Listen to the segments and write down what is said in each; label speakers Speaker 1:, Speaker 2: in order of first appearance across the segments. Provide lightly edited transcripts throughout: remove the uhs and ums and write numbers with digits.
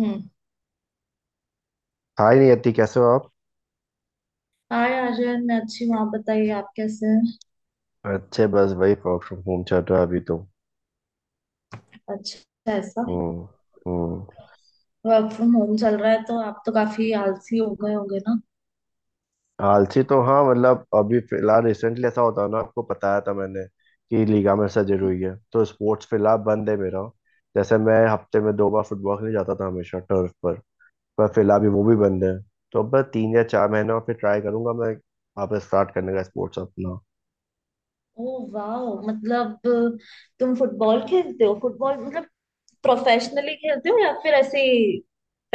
Speaker 1: हम्म।
Speaker 2: Hi Niyati, कैसे हो आप?
Speaker 1: हाय आर्यन, मैं अच्छी हूँ। आप बताइए, आप कैसे हैं?
Speaker 2: अच्छे। बस वही वर्क फ्रॉम होम चल रहा है अभी तो।
Speaker 1: अच्छा, ऐसा।
Speaker 2: हम्म। हम्म।
Speaker 1: वर्क फ्रॉम होम चल रहा है तो आप तो काफी आलसी हो गए होंगे ना।
Speaker 2: आलसी तो हाँ, मतलब अभी फिलहाल रिसेंटली ऐसा होता है ना, आपको बताया था मैंने कि लिगामेंट सर्जरी हुई है, तो स्पोर्ट्स फिलहाल बंद है मेरा। जैसे मैं हफ्ते में 2 बार फुटबॉल खेलने जाता था, हमेशा टर्फ पर। पर फिलहाल भी वो भी बंद है। तो अब बस 3 या 4 महीने और फिर ट्राई करूंगा मैं वापस स्टार्ट करने का स्पोर्ट्स अपना।
Speaker 1: ओ, वाह। मतलब तुम फुटबॉल खेलते हो? फुटबॉल मतलब प्रोफेशनली खेलते हो या फिर ऐसे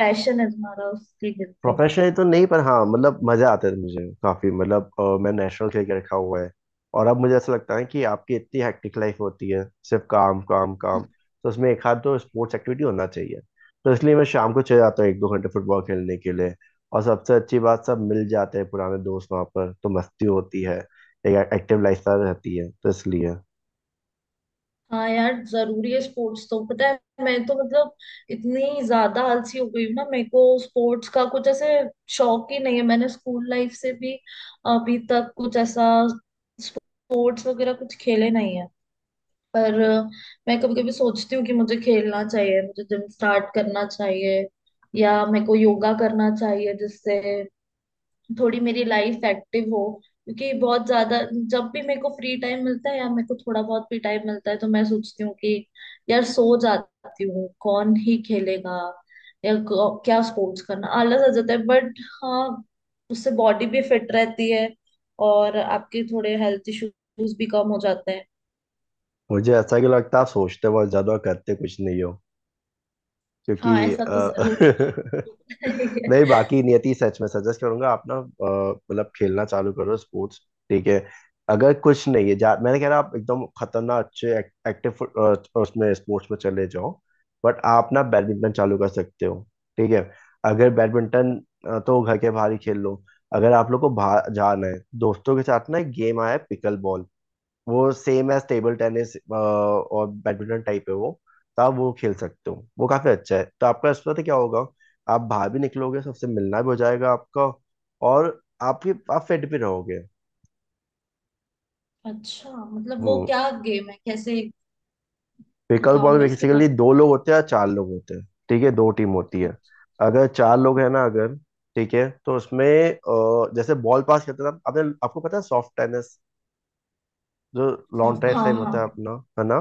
Speaker 1: पैशन है तुम्हारा, उसके लिए खेलते हो?
Speaker 2: प्रोफेशनली तो नहीं, पर हाँ मतलब मजा आता है मुझे काफी। मतलब मैं नेशनल खेल के रखा हुआ है। और अब मुझे ऐसा लगता है कि आपकी इतनी हेक्टिक लाइफ होती है, सिर्फ काम काम काम, तो उसमें एक हाथ तो स्पोर्ट्स एक्टिविटी होना चाहिए। तो इसलिए मैं शाम को चले जाता हूँ एक दो घंटे फुटबॉल खेलने के लिए। और सबसे अच्छी बात, सब मिल जाते हैं पुराने दोस्त वहाँ पर, तो मस्ती होती है। एक एक्टिव लाइफस्टाइल रहती है तो इसलिए।
Speaker 1: हाँ यार, जरूरी है स्पोर्ट्स तो, पता है। मैं तो मतलब इतनी ज्यादा आलसी हो गई हूँ ना, मेरे को स्पोर्ट्स का कुछ ऐसे शौक ही नहीं है। मैंने स्कूल लाइफ से भी अभी तक कुछ ऐसा स्पोर्ट्स वगैरह कुछ खेले नहीं है। पर मैं कभी कभी सोचती हूँ कि मुझे खेलना चाहिए, मुझे जिम स्टार्ट करना चाहिए या मेरे को योगा करना चाहिए, जिससे थोड़ी मेरी लाइफ एक्टिव हो। क्योंकि बहुत ज्यादा जब भी मेरे को फ्री टाइम मिलता है या मेरे को थोड़ा बहुत भी टाइम मिलता है तो मैं सोचती हूँ कि यार सो जाती हूँ, कौन ही खेलेगा या क्या स्पोर्ट्स करना, आलस आ जाता है। बट हाँ, उससे बॉडी भी फिट रहती है और आपके थोड़े हेल्थ इश्यूज भी कम हो जाते हैं।
Speaker 2: मुझे ऐसा क्यों लगता है आप सोचते बहुत ज्यादा और करते कुछ नहीं?
Speaker 1: हाँ,
Speaker 2: क्योंकि
Speaker 1: ऐसा तो जरूर है।
Speaker 2: नहीं, बाकी नियति, सच में सजेस्ट करूंगा आप ना, मतलब खेलना चालू करो स्पोर्ट्स। ठीक है। अगर कुछ नहीं है मैंने कह रहा आप एकदम खतरनाक अच्छे एक्टिव, उसमें स्पोर्ट्स में चले जाओ। बट आप ना बैडमिंटन चालू कर सकते हो। ठीक है। अगर बैडमिंटन तो घर के बाहर ही खेल लो। अगर आप लोग को बाहर जाना है दोस्तों के साथ ना, एक गेम आया है, पिकल बॉल। वो सेम एज टेबल टेनिस और बैडमिंटन टाइप है वो। तो आप वो खेल सकते हो, वो काफी अच्छा है। तो आपका इसमें पता क्या होगा, आप बाहर भी निकलोगे, सबसे मिलना भी हो जाएगा आपका, और आपकी आप फिट भी रहोगे।
Speaker 1: अच्छा, मतलब वो
Speaker 2: हम्म।
Speaker 1: क्या गेम है, कैसे
Speaker 2: पिकल बॉल
Speaker 1: बताओगे
Speaker 2: में
Speaker 1: उसके बाद?
Speaker 2: बेसिकली दो लोग होते हैं या चार लोग होते हैं। ठीक है, दो टीम होती है।
Speaker 1: अच्छा।
Speaker 2: अगर चार लोग हैं ना, अगर ठीक है, तो उसमें जैसे बॉल पास करते हैं ना, आपने आपको पता है सॉफ्ट टेनिस, जो लॉन्ट्रेट
Speaker 1: हाँ
Speaker 2: टाइप होता है
Speaker 1: हाँ।
Speaker 2: अपना, है ना,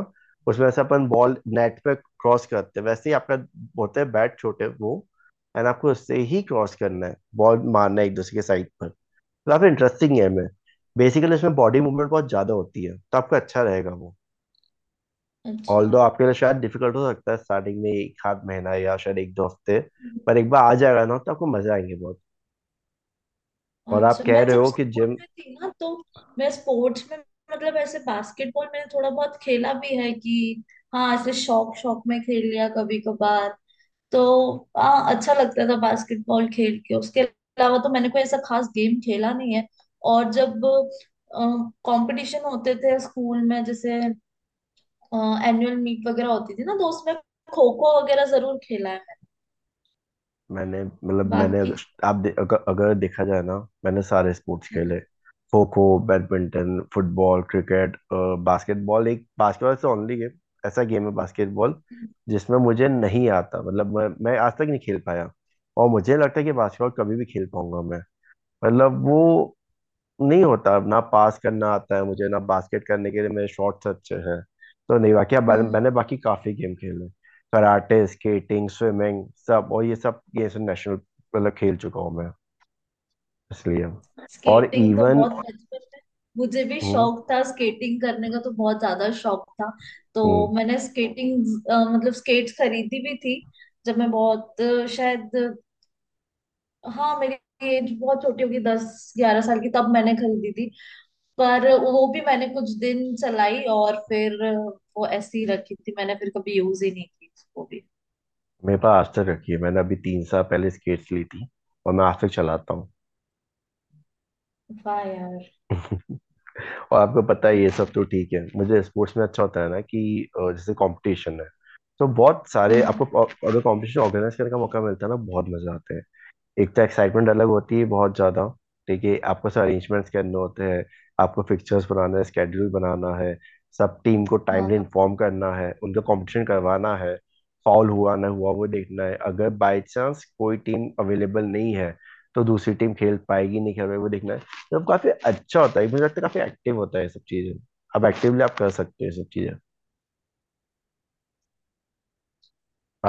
Speaker 2: उसमें से अपन बॉल नेट पे क्रॉस करते हैं, वैसे ही आपका होता है बैट छोटे वो। एंड आपको उससे ही क्रॉस करना है, बॉल मारना है एक दूसरे के साइड पर। तो काफी इंटरेस्टिंग गेम है। बेसिकली इसमें बॉडी मूवमेंट बहुत ज्यादा होती है, तो आपको अच्छा रहेगा वो।
Speaker 1: अच्छा।
Speaker 2: ऑल्दो आपके लिए शायद डिफिकल्ट हो सकता है स्टार्टिंग में, एक आध महीना या शायद एक दो हफ्ते, पर एक बार आ जाएगा ना तो आपको मजा आएंगे बहुत। और आप
Speaker 1: अच्छा,
Speaker 2: कह
Speaker 1: मैं
Speaker 2: रहे
Speaker 1: जब
Speaker 2: हो कि
Speaker 1: स्कूल
Speaker 2: जिम।
Speaker 1: में थी ना, तो मैं स्पोर्ट्स में मतलब ऐसे बास्केटबॉल मैंने थोड़ा बहुत खेला भी है कि हाँ, ऐसे शौक शौक में खेल लिया कभी कभार। तो हाँ, अच्छा लगता था बास्केटबॉल खेल के। उसके अलावा तो मैंने कोई ऐसा खास गेम खेला नहीं है। और जब कंपटीशन होते थे स्कूल में, जैसे एनुअल मीट वगैरह होती थी ना, तो उसमें खो खो वगैरह जरूर खेला है मैंने।
Speaker 2: मैंने मतलब मैंने,
Speaker 1: बाकी
Speaker 2: अगर आप दे, अगर, अगर देखा जाए ना, मैंने सारे स्पोर्ट्स
Speaker 1: हम्म,
Speaker 2: खेले, kho kho, badminton, football, cricket, basketball. एक बास्केटबॉल से ओनली गेम, ऐसा गेम है बास्केटबॉल जिसमें मुझे नहीं आता, मतलब मैं आज तक नहीं खेल पाया, और मुझे लगता है कि बास्केटबॉल कभी भी खेल पाऊंगा मैं। मतलब वो नहीं होता ना, पास करना आता है मुझे ना, बास्केट करने के लिए मेरे शॉट्स अच्छे हैं तो नहीं। बाकी अब मैंने
Speaker 1: हम्म।
Speaker 2: मैंने बाकी काफी गेम खेले, कराटे, स्केटिंग, स्विमिंग, सब। और ये सब नेशनल मतलब खेल चुका हूँ मैं, इसलिए। और
Speaker 1: स्केटिंग तो
Speaker 2: इवन।
Speaker 1: बहुत बचपन में मुझे भी
Speaker 2: हम्म।
Speaker 1: शौक था, स्केटिंग करने का तो बहुत ज्यादा शौक था। तो
Speaker 2: हम्म।
Speaker 1: मैंने स्केटिंग मतलब स्केट्स खरीदी भी थी, जब मैं बहुत शायद हाँ, मेरी एज बहुत छोटी होगी, 10 ग्यारह साल की, तब मैंने खरीदी थी। पर वो भी मैंने कुछ दिन चलाई और फिर वो ऐसी ही रखी थी, मैंने फिर कभी यूज ही नहीं की वो भी।
Speaker 2: मेरे पास आज तक रखी है, मैंने अभी 3 साल पहले स्केट्स ली थी, और मैं आज तक चलाता हूँ।
Speaker 1: वाह यार।
Speaker 2: और आपको पता है ये सब तो ठीक है, मुझे स्पोर्ट्स में अच्छा होता है ना कि जैसे कंपटीशन है, तो बहुत सारे आपको
Speaker 1: हम्म।
Speaker 2: अगर कंपटीशन ऑर्गेनाइज करने का मौका मिलता है ना, बहुत मजा आता है। एक तो एक्साइटमेंट अलग होती है बहुत ज़्यादा। ठीक है। आपको सब अरेंजमेंट्स करने होते हैं, आपको फिक्चर्स बनाना है, स्केड्यूल बनाना है, सब टीम को टाइमली
Speaker 1: हाँ।
Speaker 2: इन्फॉर्म करना है, उनका कंपटीशन करवाना है। फाउल हुआ ना हुआ वो देखना है, अगर बाई चांस कोई टीम अवेलेबल नहीं है तो दूसरी टीम खेल पाएगी नहीं खेल पाएगी, वो देखना है। तो काफ़ी अच्छा होता है, मुझे लगता है काफ़ी एक्टिव होता है ये सब चीज़ें। अब एक्टिवली आप कर सकते हो ये सब चीज़ें।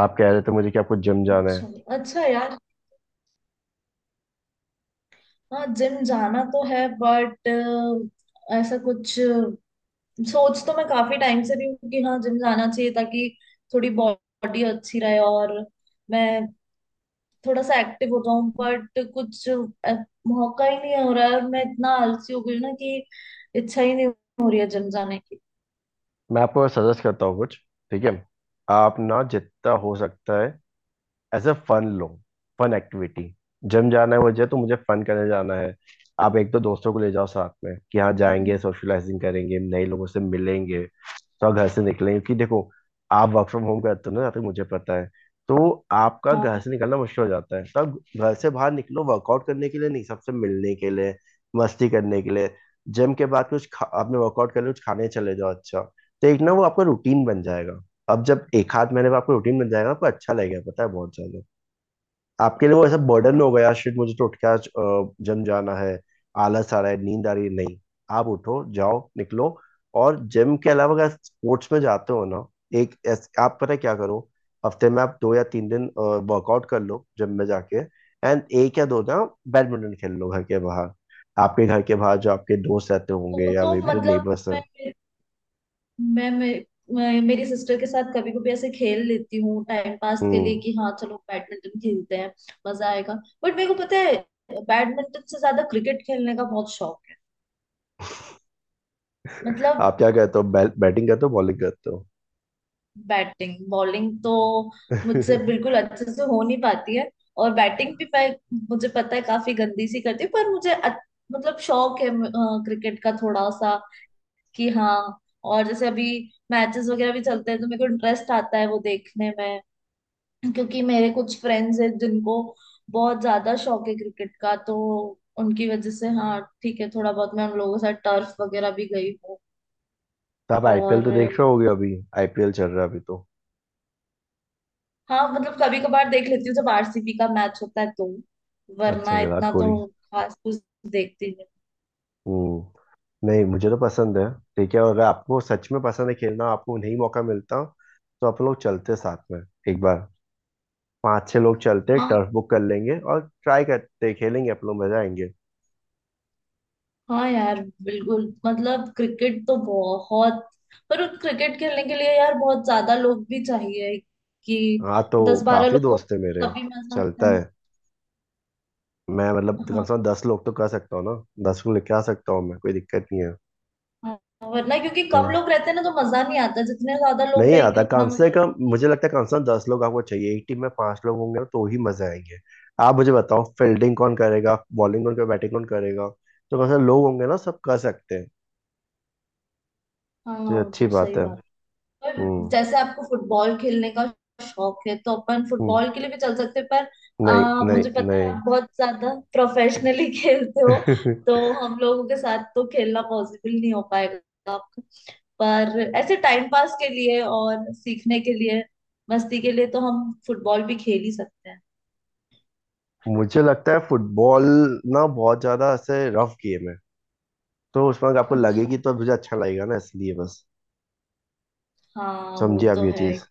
Speaker 2: आप कह रहे थे मुझे कि आपको जिम जाना है,
Speaker 1: अच्छा। अच्छा यार, हाँ जिम जाना तो है बट ऐसा कुछ सोच तो मैं काफी टाइम से रही हूँ कि हाँ जिम जाना चाहिए, ताकि थोड़ी बॉडी अच्छी रहे और मैं थोड़ा सा एक्टिव हो जाऊं। बट कुछ मौका ही नहीं हो रहा है और मैं इतना आलसी हो गई हूँ ना कि इच्छा ही नहीं हो रही है जिम जाने की।
Speaker 2: मैं आपको सजेस्ट करता हूँ कुछ। ठीक है। आप ना जितना हो सकता है एज अ फन लो, फन एक्टिविटी। जिम जाना है मुझे तो मुझे फन करने जाना है। आप एक तो दोस्तों को ले जाओ साथ में कि हाँ जाएंगे,
Speaker 1: हम्म,
Speaker 2: सोशलाइजिंग करेंगे, नए लोगों से मिलेंगे, तो घर से निकलेंगे, क्योंकि देखो आप वर्क फ्रॉम होम करते हो ना जहाँ तक मुझे पता है, तो आपका घर
Speaker 1: हाँ
Speaker 2: से निकलना मुश्किल हो जाता है। तब घर से बाहर निकलो, वर्कआउट करने के लिए नहीं, सबसे मिलने के लिए, मस्ती करने के लिए। जिम के बाद कुछ आपने वर्कआउट कर लिया कुछ खाने चले जाओ, अच्छा। तो एक ना वो आपका रूटीन बन जाएगा। अब जब एक हाथ महीने में आपको रूटीन बन जाएगा, आपको अच्छा लगेगा पता है, बहुत ज्यादा। आपके लिए वो ऐसा बर्डन
Speaker 1: हाँ,
Speaker 2: हो गया, शिट मुझे तो उठ के आज जिम जाना है, आलस आ रहा है, नींद आ रही है, नहीं। आप उठो जाओ निकलो। और जिम के अलावा अगर स्पोर्ट्स में जाते हो ना, आप पता है क्या करो, हफ्ते में आप 2 या 3 दिन वर्कआउट कर लो जिम में जाके, एंड एक या दो ना बैडमिंटन खेल लो घर के बाहर। आपके घर के बाहर जो आपके दोस्त रहते होंगे
Speaker 1: वो
Speaker 2: या
Speaker 1: तो
Speaker 2: मे बी जो
Speaker 1: मतलब
Speaker 2: नेबर्स हैं।
Speaker 1: मैं मैं, मैं, मैं मेरी सिस्टर के साथ कभी कभी ऐसे खेल लेती हूँ टाइम पास के
Speaker 2: हम्म।
Speaker 1: लिए कि हाँ चलो बैडमिंटन खेलते हैं, मजा आएगा। बट मेरे को पता है बैडमिंटन से ज्यादा क्रिकेट खेलने का बहुत शौक है। मतलब
Speaker 2: आप क्या करते हो, बैटिंग करते हो बॉलिंग करते हो
Speaker 1: बैटिंग बॉलिंग तो
Speaker 2: तो?
Speaker 1: मुझसे बिल्कुल अच्छे से हो नहीं पाती है, और बैटिंग भी मैं मुझे पता है काफी गंदी सी करती हूँ, पर मुझे मतलब शौक है क्रिकेट का थोड़ा सा कि हाँ। और जैसे अभी मैचेस वगैरह भी चलते हैं तो मेरे को इंटरेस्ट आता है वो देखने में, क्योंकि मेरे कुछ फ्रेंड्स हैं जिनको बहुत ज्यादा शौक है क्रिकेट का, तो उनकी वजह से हाँ ठीक है, थोड़ा बहुत मैं उन लोगों के साथ टर्फ वगैरह भी गई हूँ।
Speaker 2: आप आईपीएल
Speaker 1: और
Speaker 2: तो देख रहे होगे अभी। आईपीएल चल रहा है अभी तो।
Speaker 1: हाँ, मतलब कभी कभार देख लेती हूँ जब आरसीबी का मैच होता है तो,
Speaker 2: अच्छा,
Speaker 1: वरना
Speaker 2: विराट
Speaker 1: इतना
Speaker 2: कोहली।
Speaker 1: तो खास कुछ देखती नहीं।
Speaker 2: हम्म, नहीं, मुझे तो पसंद है। ठीक है। और अगर आपको सच में पसंद है खेलना, आपको नहीं मौका मिलता, तो आप लोग चलते साथ में, एक बार पांच छह लोग चलते,
Speaker 1: हाँ
Speaker 2: टर्फ बुक कर लेंगे और ट्राई करते खेलेंगे, आप लोग मजा आएंगे।
Speaker 1: हाँ यार, बिल्कुल मतलब क्रिकेट तो बहुत, पर उस क्रिकेट खेलने के लिए यार बहुत ज्यादा लोग भी चाहिए कि
Speaker 2: हाँ तो
Speaker 1: दस बारह
Speaker 2: काफी
Speaker 1: लोग हो,
Speaker 2: दोस्त है मेरे,
Speaker 1: तभी मजा आता
Speaker 2: चलता
Speaker 1: है।
Speaker 2: है। मैं मतलब कम
Speaker 1: हाँ,
Speaker 2: से कम 10 लोग तो कर सकता हूँ ना, 10 को लेके आ सकता हूँ मैं, कोई दिक्कत नहीं है।
Speaker 1: हाँ, वरना क्योंकि कम
Speaker 2: हम्म।
Speaker 1: लोग रहते हैं ना तो मजा नहीं आता, जितने ज्यादा लोग
Speaker 2: नहीं आता
Speaker 1: रहेंगे उतना
Speaker 2: कम से
Speaker 1: मजा
Speaker 2: कम, मुझे लगता है कम से कम दस लोग आपको चाहिए, एक टीम में पांच लोग होंगे ना तो ही मजे आएंगे। आप मुझे बताओ फील्डिंग कौन करेगा, बॉलिंग कौन करेगा, बैटिंग कौन करेगा। तो कम से कम लोग होंगे ना, सब कर सकते हैं।
Speaker 1: आएगा।
Speaker 2: तो ये
Speaker 1: हाँ,
Speaker 2: अच्छी
Speaker 1: तो
Speaker 2: बात
Speaker 1: सही
Speaker 2: है।
Speaker 1: बात है। पर
Speaker 2: हम्म।
Speaker 1: जैसे आपको फुटबॉल खेलने का शौक है तो अपन
Speaker 2: हम्म।
Speaker 1: फुटबॉल के लिए भी चल सकते हैं, पर
Speaker 2: नहीं,
Speaker 1: मुझे पता है
Speaker 2: नहीं,
Speaker 1: आप बहुत ज्यादा प्रोफेशनली खेलते हो,
Speaker 2: नहीं।
Speaker 1: तो हम लोगों के साथ तो खेलना पॉसिबल नहीं हो पाएगा आपका। पर ऐसे टाइम पास के लिए और सीखने के लिए, मस्ती के लिए तो हम फुटबॉल भी खेल ही सकते हैं।
Speaker 2: मुझे लगता है फुटबॉल ना बहुत ज्यादा ऐसे रफ गेम है, तो उसमें अगर आपको
Speaker 1: अच्छा,
Speaker 2: लगेगी, तो मुझे अच्छा लगेगा ना, इसलिए बस।
Speaker 1: हाँ वो
Speaker 2: समझिए आप
Speaker 1: तो
Speaker 2: ये
Speaker 1: है।
Speaker 2: चीज।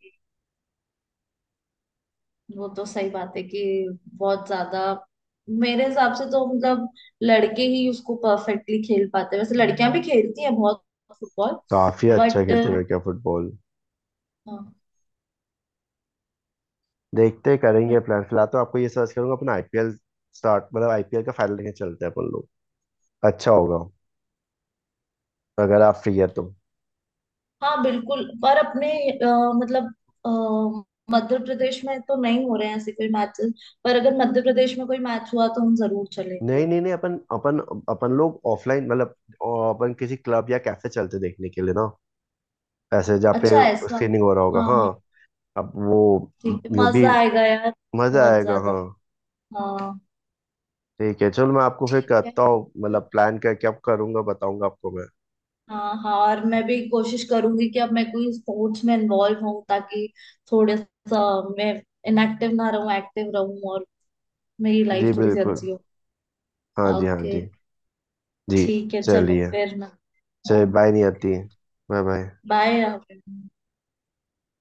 Speaker 1: वो तो सही बात है कि बहुत ज्यादा मेरे हिसाब से तो मतलब लड़के ही उसको परफेक्टली खेल पाते हैं। वैसे लड़कियां भी खेलती हैं बहुत फुटबॉल,
Speaker 2: काफी अच्छा
Speaker 1: बट
Speaker 2: खेलते हैं लड़कियां फुटबॉल।
Speaker 1: हाँ।
Speaker 2: देखते हैं, करेंगे
Speaker 1: but-
Speaker 2: प्लान। फिलहाल तो आपको ये सर्च करूंगा अपना, आईपीएल स्टार्ट, मतलब आईपीएल का फाइनल लेके चलते हैं अपन लोग, अच्छा होगा, अगर आप फ्री है तो।
Speaker 1: हाँ, बिल्कुल, पर अपने मतलब अ, मध्य प्रदेश में तो नहीं हो रहे हैं ऐसे कोई मैचेस, पर अगर मध्य प्रदेश में कोई मैच हुआ तो हम जरूर चलेंगे।
Speaker 2: नहीं, नहीं, नहीं, अपन अपन अपन लोग ऑफलाइन मतलब अ, अपन किसी क्लब या कैफे चलते देखने के लिए ना, ऐसे जहाँ पे
Speaker 1: अच्छा, ऐसा।
Speaker 2: स्क्रीनिंग हो रहा होगा,
Speaker 1: हाँ
Speaker 2: हाँ।
Speaker 1: हाँ,
Speaker 2: अब वो
Speaker 1: ठीक है,
Speaker 2: वो भी
Speaker 1: मजा आएगा यार,
Speaker 2: मजा
Speaker 1: बहुत
Speaker 2: आएगा,
Speaker 1: ज्यादा।
Speaker 2: हाँ।
Speaker 1: हाँ।
Speaker 2: ठीक है, चलो मैं आपको फिर
Speaker 1: ठीक है,
Speaker 2: करता हूँ, मतलब प्लान करके अब करूंगा, बताऊंगा आपको मैं।
Speaker 1: हाँ हाँ, और मैं भी कोशिश करूंगी कि अब मैं कोई स्पोर्ट्स में इन्वॉल्व हूँ, ताकि थोड़ा सा मैं इनएक्टिव ना रहूँ, एक्टिव रहूँ और मेरी
Speaker 2: जी
Speaker 1: लाइफ थोड़ी सी
Speaker 2: बिल्कुल।
Speaker 1: अच्छी हो।
Speaker 2: हाँ जी, हाँ
Speaker 1: ओके।
Speaker 2: जी। जी।
Speaker 1: ठीक है, चलो
Speaker 2: चलिए,
Speaker 1: फिर ना।
Speaker 2: चलिए, बाय नहीं
Speaker 1: ओके,
Speaker 2: आती। Bye, bye.
Speaker 1: बाय।